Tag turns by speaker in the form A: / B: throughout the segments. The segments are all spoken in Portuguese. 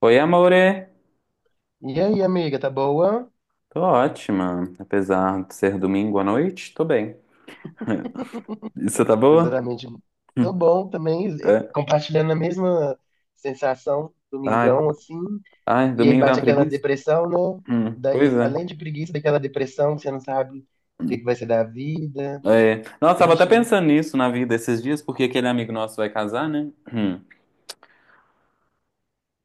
A: Oi, amore.
B: E aí, amiga, tá boa?
A: Tô ótima. Apesar de ser domingo à noite, tô bem. E você tá boa?
B: Exatamente. Tô
A: Hum.
B: bom também,
A: É.
B: compartilhando a mesma sensação,
A: Ai,
B: domingão, assim.
A: ai,
B: E aí
A: domingo dá uma
B: bate aquela
A: preguiça?
B: depressão, né?
A: Pois
B: Daí,
A: é.
B: além de preguiça, daquela depressão que você não sabe o que que vai ser da vida.
A: É. Nossa, tava até
B: Triste, né?
A: pensando nisso na vida esses dias, porque aquele amigo nosso vai casar, né? Hum.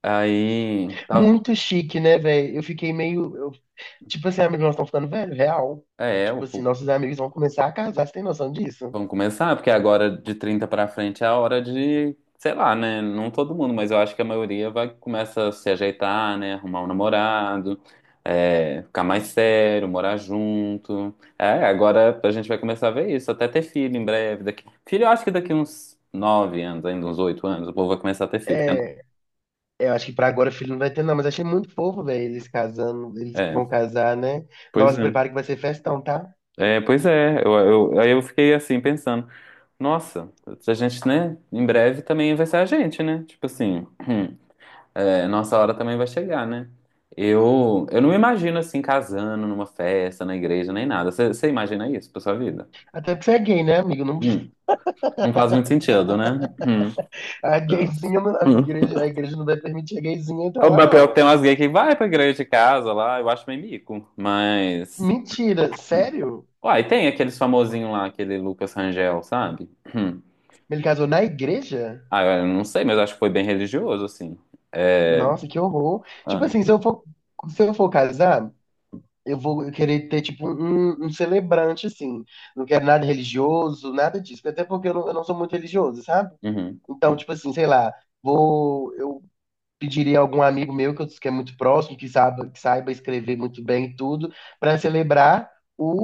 A: Aí, tava.
B: Muito chique, né, velho? Eu fiquei meio, tipo assim, amigos, nós estamos ficando velho, real.
A: É.
B: Tipo assim, nossos amigos vão começar a casar, você tem noção disso?
A: Vamos começar, porque agora de 30 pra frente é a hora de, sei lá, né? Não todo mundo, mas eu acho que a maioria vai começa a se ajeitar, né? Arrumar um namorado, é, ficar mais sério, morar junto. É, agora a gente vai começar a ver isso, até ter filho em breve. Filho, eu acho que daqui uns 9 anos, ainda uns 8 anos, o povo vai começar a ter filho, né?
B: É. Eu acho que pra agora o filho não vai ter, não, mas achei muito fofo, velho, eles casando, eles
A: É,
B: vão casar, né?
A: pois
B: Nossa,
A: é.
B: prepara que vai ser festão, tá?
A: É, pois é, aí eu fiquei assim pensando, nossa, a gente, né, em breve também vai ser a gente, né? Tipo assim. É, nossa hora também vai chegar, né? Eu não me imagino assim casando numa festa, na igreja, nem nada. Você imagina isso pra sua vida?
B: Até porque você é gay, né, amigo? Não,
A: Hum, não faz muito sentido, né? Hum.
B: a gayzinha, a
A: Hum.
B: igreja, a igreja não vai permitir a gayzinha entrar
A: O
B: lá,
A: meu pior que
B: não.
A: tem umas gays que vai pra igreja de casa lá, eu acho meio mico, mas.
B: Mentira,
A: Hum.
B: sério?
A: Uai, tem aqueles famosinho lá, aquele Lucas Rangel, sabe? Hum.
B: Ele casou na igreja?
A: Ah, eu não sei, mas eu acho que foi bem religioso, assim.
B: Nossa, que horror. Tipo
A: Ah,
B: assim, se eu for casar, eu vou querer ter, tipo, um celebrante, assim. Não quero nada religioso, nada disso. Até porque eu não sou muito religioso, sabe?
A: uhum,
B: Então,
A: uhum.
B: tipo assim, sei lá, eu pediria a algum amigo meu que é muito próximo, que saiba escrever muito bem e tudo, para celebrar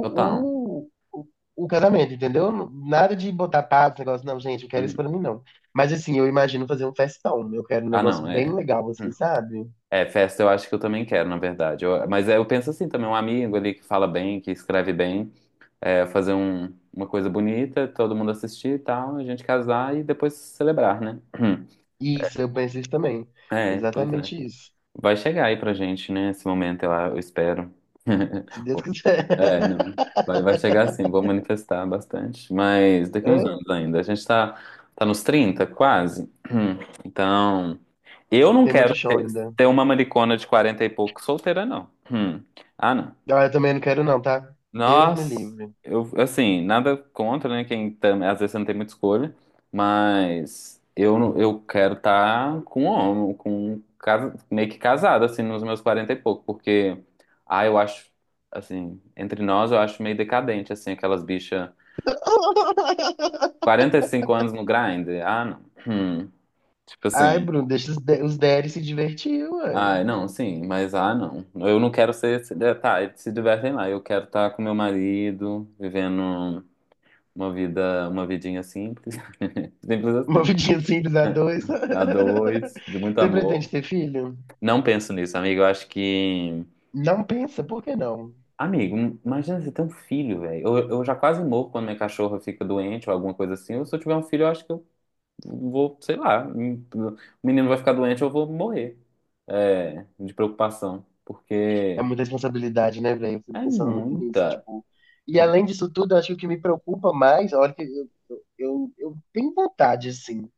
A: Total.
B: o, o, o casamento, entendeu? Nada de botar pato, negócio, não, gente, eu quero isso
A: Uhum.
B: pra mim, não. Mas, assim, eu imagino fazer um festão. Eu quero um
A: Ah,
B: negócio
A: não,
B: bem
A: é.
B: legal, assim,
A: Hum.
B: sabe?
A: É, festa eu acho que eu também quero, na verdade. Mas é, eu penso assim também, um amigo ali que fala bem, que escreve bem, é, fazer uma coisa bonita, todo mundo assistir e tal, a gente casar e depois celebrar, né?
B: Isso, eu penso isso também.
A: É, pois é.
B: Exatamente isso.
A: Vai chegar aí pra gente, né? Esse momento, eu espero.
B: Se Deus quiser.
A: É, não. Vai chegar sim, vou manifestar bastante. Mas daqui uns
B: É,
A: anos ainda. A gente tá, tá nos 30 quase. Então. Eu não
B: tem
A: quero
B: muito chão
A: ter,
B: ainda.
A: ter uma maricona de 40 e pouco solteira, não. Hum. Ah, não.
B: Ah, eu também não quero não, tá? Deus me
A: Nós,
B: livre.
A: eu, assim, nada contra, né? Às vezes você não tem muita escolha, mas eu, não- eu quero estar com um homem, meio que casado, assim, nos meus 40 e pouco, porque, eu acho, assim, entre nós eu acho meio decadente, assim, aquelas bichas 45 anos no grind. Ah, não. Hum. Tipo
B: Ai,
A: assim.
B: Bruno, deixa de os Derry se divertir, uai.
A: Ah, não, sim, mas ah, não. Eu não quero ser. Tá, eles se divertem lá. Eu quero estar com meu marido, vivendo uma vida, uma vidinha simples. Simples
B: Uma
A: assim,
B: vidinha simples a
A: né?
B: dois.
A: A dois, de muito
B: Você pretende
A: amor.
B: ter filho?
A: Não penso nisso, amigo. Eu acho que.
B: Não pensa, por que não?
A: Amigo, imagina você ter um filho, velho. Eu já quase morro quando minha cachorra fica doente ou alguma coisa assim. Ou se eu tiver um filho, eu acho que eu vou, sei lá. O menino vai ficar doente, eu vou morrer. É, de preocupação.
B: É
A: Porque.
B: muita responsabilidade, né, velho? Eu
A: É
B: fico pensando muito nisso,
A: muita.
B: tipo. E além disso tudo, eu acho que o que me preocupa mais, olha que eu tenho vontade, assim.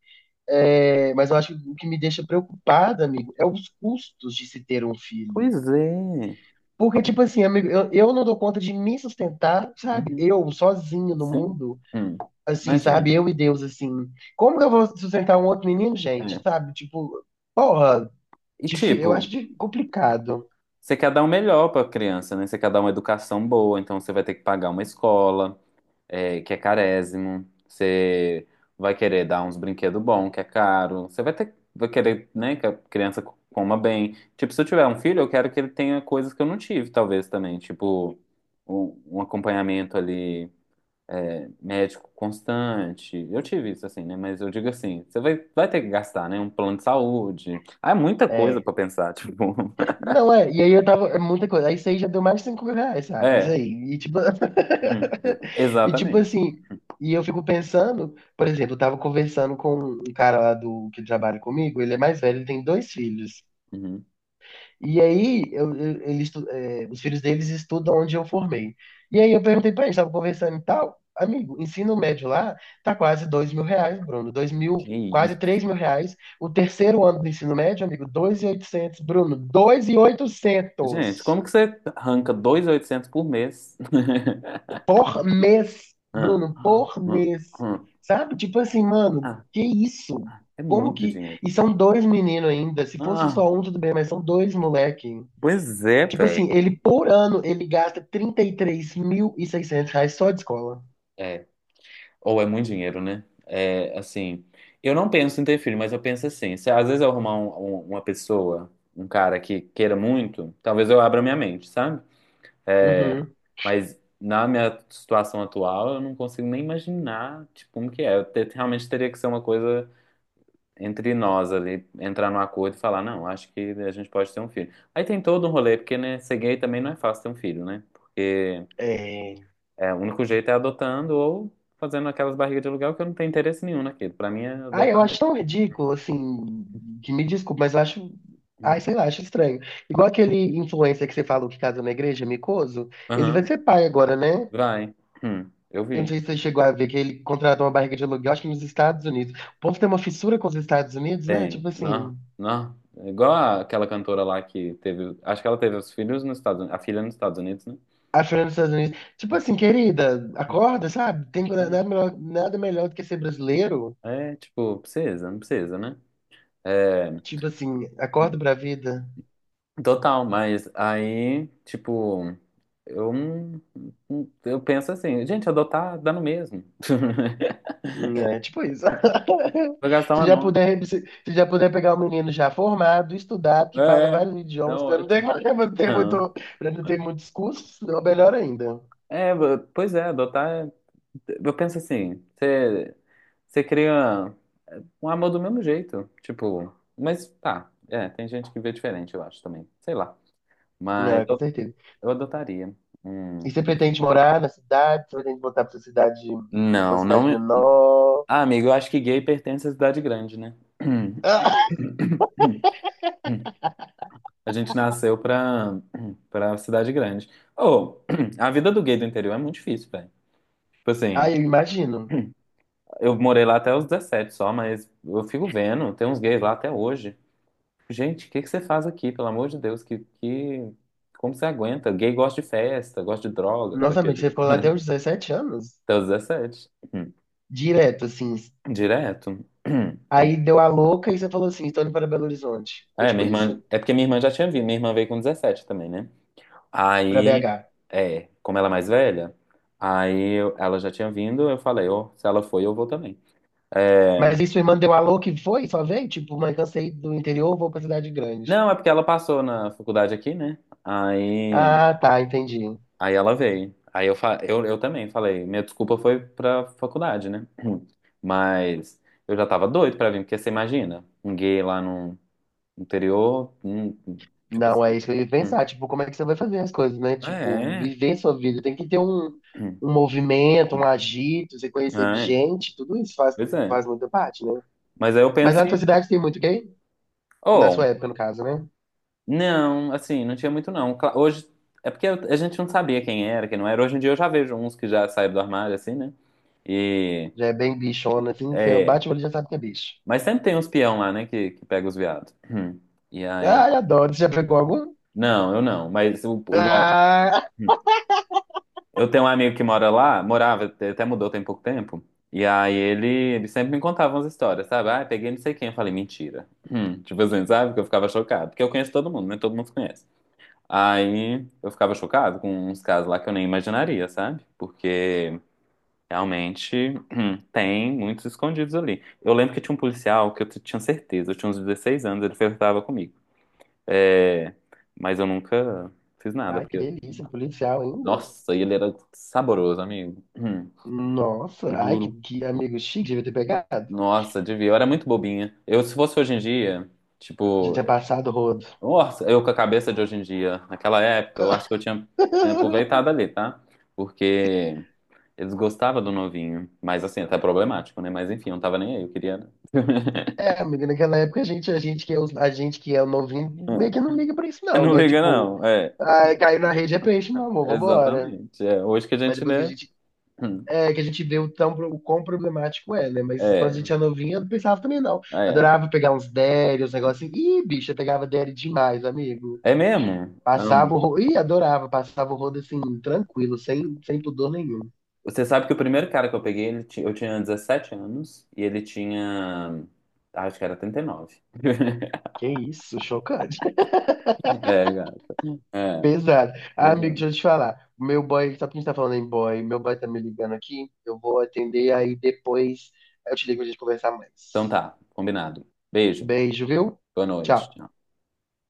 B: É, mas eu acho que o que me deixa preocupada, amigo, é os custos de se ter um filho.
A: Pois é.
B: Porque, tipo assim, amigo, eu não dou conta de me sustentar, sabe?
A: Uhum,
B: Eu, sozinho no
A: sim.
B: mundo,
A: Hum.
B: assim,
A: Imagina.
B: sabe? Eu e Deus, assim. Como que eu vou sustentar um outro menino, gente?
A: É.
B: Sabe? Tipo, porra,
A: E tipo,
B: eu acho complicado.
A: você quer dar o melhor para a criança, né? Você quer dar uma educação boa, então você vai ter que pagar uma escola, que é carésimo. Você vai querer dar uns brinquedos bons, que é caro. Você vai ter, vai querer, né, que a criança coma bem. Tipo, se eu tiver um filho, eu quero que ele tenha coisas que eu não tive, talvez também. Tipo, um acompanhamento ali. Médico constante. Eu tive isso assim, né? Mas eu digo assim, você vai ter que gastar, né? Um plano de saúde. Ah, é muita coisa
B: É.
A: pra pensar, tipo.
B: Não, é, e aí eu tava, é muita coisa. Aí isso aí já deu mais de 5 mil reais, sabe? Isso
A: É,
B: aí. E tipo,
A: uhum.
B: e tipo
A: Exatamente.
B: assim, e eu fico pensando, por exemplo, eu tava conversando com um cara lá do que trabalha comigo, ele é mais velho, ele tem dois filhos.
A: Uhum.
B: E aí, é, os filhos deles estudam onde eu formei. E aí eu perguntei pra eles, tava conversando e tal, amigo, ensino médio lá tá quase 2.000 reais, Bruno, 2.000,
A: Que
B: quase
A: isso.
B: 3.000 reais. O terceiro ano do ensino médio, amigo, 2.800, Bruno, dois mil e
A: Gente,
B: oitocentos
A: como que você arranca 2.800 por mês?
B: por mês,
A: Ah,
B: Bruno,
A: ah,
B: por mês.
A: ah.
B: Sabe? Tipo assim, mano,
A: Ah,
B: que isso?
A: é
B: Como
A: muito
B: que.
A: dinheiro.
B: E são dois meninos ainda, se fosse
A: Ah,
B: só um, tudo bem, mas são dois moleque.
A: pois é,
B: Tipo
A: velho.
B: assim, ele por ano ele gasta trinta e três mil e seiscentos reais só de escola.
A: É. Ou é muito dinheiro, né? É, assim, eu não penso em ter filho, mas eu penso assim, se às vezes eu arrumar uma pessoa, um cara que queira muito, talvez eu abra minha mente, sabe?
B: Uhum.
A: Mas na minha situação atual, eu não consigo nem imaginar, tipo, como que é. Realmente teria que ser uma coisa entre nós ali, entrar num acordo e falar, não, acho que a gente pode ter um filho. Aí tem todo um rolê, porque, né, ser gay também não é fácil ter um filho, né?
B: É.
A: É, o único jeito é adotando ou fazendo aquelas barrigas de aluguel que eu não tenho interesse nenhum naquilo. Pra mim é
B: Ah, eu
A: adotar
B: acho
A: mesmo.
B: tão ridículo, assim, que me desculpe, mas eu acho.
A: Hum.
B: Ai, sei lá, acho estranho. Igual aquele influencer que você falou que casou na igreja, Micoso, ele vai
A: Aham,
B: ser pai agora, né?
A: vai. Eu
B: Eu não
A: vi.
B: sei se você chegou a ver que ele contratou uma barriga de aluguel, acho que nos Estados Unidos. O povo tem uma fissura com os Estados Unidos, né?
A: Tem.
B: Tipo
A: Não,
B: assim,
A: não. É. Igual aquela cantora lá que teve. Acho que ela teve os filhos nos Estados Unidos. A filha nos Estados Unidos, né?
B: a Fernanda dos Estados Unidos. Tipo assim, querida, acorda, sabe? Tem nada melhor, nada melhor do que ser brasileiro.
A: É, é, tipo, precisa, não precisa, né? É,
B: Tipo assim, acordo pra vida.
A: total, mas aí, tipo, eu, não- não- eu penso assim, gente, adotar dá no mesmo.
B: Hum. É, tipo isso.
A: Vou gastar
B: Se
A: uma
B: já
A: nota.
B: puder, se, se já puder pegar um menino já formado, estudado,
A: É,
B: que fala
A: é
B: vários
A: é
B: idiomas, pra não ter,
A: ótimo. Aham.
B: pra não ter muitos cursos, é melhor ainda.
A: É, pois é, adotar. Eu penso assim, você cria um amor do mesmo jeito, tipo, mas tá, é, tem gente que vê diferente, eu acho também, sei lá.
B: Não,
A: Mas
B: é com
A: eu,
B: certeza.
A: eu adotaria. Hum.
B: E você pretende morar na cidade? Você pretende voltar pra sua cidade, uma
A: Não,
B: cidade
A: não.
B: menor?
A: Ah, amigo, eu acho que gay pertence à cidade grande, né? A gente nasceu pra cidade grande. Ô, a vida do gay do interior é muito difícil, velho. Tipo assim.
B: Ah, eu imagino.
A: Eu morei lá até os 17 só, mas eu fico vendo, tem uns gays lá até hoje. Gente, o que que você faz aqui, pelo amor de Deus? Como você aguenta? Gay gosta de festa, gosta de droga.
B: Nossa, amigo, você ficou lá até os 17 anos?
A: Até os 17.
B: Direto, assim.
A: Direto. Hum.
B: Aí deu a louca e você falou assim, estou indo para Belo Horizonte. Foi
A: É,
B: tipo isso?
A: é porque minha irmã já tinha vindo, minha irmã veio com 17 também, né?
B: Pra
A: Aí,
B: BH.
A: é, como ela é mais velha, ela já tinha vindo, eu falei, ó, se ela foi, eu vou também. É...
B: Mas isso me mandou um alô que foi, só veio? Tipo, mãe, cansei do interior, vou pra cidade grande.
A: Não, é porque ela passou na faculdade aqui, né? Aí.
B: Ah, tá, entendi.
A: Aí ela veio. Aí eu também falei. Minha desculpa foi pra faculdade, né? Mas eu já tava doido pra vir, porque você imagina, um gay lá no interior, tipo
B: Não, é
A: assim.
B: isso que eu ia
A: hum,
B: pensar. Tipo, como é que você vai fazer as coisas, né? Tipo,
A: É,
B: viver sua vida. Tem que ter um movimento, um agito, você conhecer
A: é,
B: gente, tudo isso faz,
A: pois é.
B: faz muita parte, né?
A: Mas aí eu
B: Mas lá na sua
A: pensei,
B: cidade tem muito gay? Na
A: oh,
B: sua época, no caso, né?
A: não, assim, não tinha muito não. Hoje, é porque a gente não sabia quem era, quem não era. Hoje em dia eu já vejo uns que já saíram do armário, assim, né? E,
B: Já é bem bichona, assim, você
A: é,
B: bate o olho e já sabe que é bicho.
A: mas sempre tem uns peão lá, né, que pega os viados. Hum. E aí.
B: Ai, adoro. Você já pegou algum?
A: Não, eu não. Mas igual,
B: Ah!
A: hum, eu tenho um amigo que mora lá, morava, até mudou tem pouco tempo. E aí ele sempre me contava umas histórias, sabe? Ah, peguei não sei quem. Eu falei, mentira. Tipo assim, sabe? Que eu ficava chocado. Porque eu conheço todo mundo, né? Todo mundo se conhece. Aí eu ficava chocado com uns casos lá que eu nem imaginaria, sabe? Porque realmente tem muitos escondidos ali. Eu lembro que tinha um policial que eu tinha certeza, eu tinha uns 16 anos, ele flertava comigo. É, mas eu nunca fiz nada,
B: Ai, que
A: porque.
B: delícia, um policial ainda.
A: Nossa, e ele era saboroso, amigo.
B: Nossa, ai, que,
A: Juro.
B: que amigo chique, devia ter pegado.
A: Nossa, devia. Eu era muito bobinha. Eu, se fosse hoje em dia,
B: Devia
A: tipo,
B: ter passado o rodo.
A: nossa, eu com a cabeça de hoje em dia, naquela época, eu acho que eu tinha aproveitado ali, tá? Porque eles gostavam do novinho. Mas assim, até problemático, né? Mas enfim, eu não tava nem aí, eu queria. É,
B: É, amigo, naquela época a gente que é o novinho, meio que não liga pra isso não,
A: não
B: né?
A: liga,
B: Tipo,
A: não. É,
B: ai, caiu na rede é peixe, meu amor, vambora.
A: exatamente. É, hoje que a
B: Mas
A: gente
B: depois que a
A: lê.
B: gente,
A: Hum,
B: que a gente vê o quão problemático é, né? Mas quando a
A: é,
B: gente é novinha, eu não pensava também não.
A: é.
B: Adorava pegar uns derry, uns negócios assim. Ih, bicho, eu pegava derry demais, amigo.
A: É mesmo?
B: Passava o
A: Amo.
B: rodo, ih, adorava, passava o rodo assim, tranquilo, sem pudor nenhum.
A: Você sabe que o primeiro cara que eu peguei, eu tinha 17 anos e ele tinha. Acho que era 39.
B: Que isso, chocante.
A: É, cara. É,
B: Pesado. Ah,
A: pois
B: amigo,
A: é.
B: deixa eu te falar. O meu boy, só porque a gente tá falando em boy, meu boy tá me ligando aqui. Eu vou atender aí depois. Eu te ligo pra gente conversar
A: Então
B: mais.
A: tá, combinado. Beijo,
B: Beijo, viu?
A: boa noite.
B: Tchau.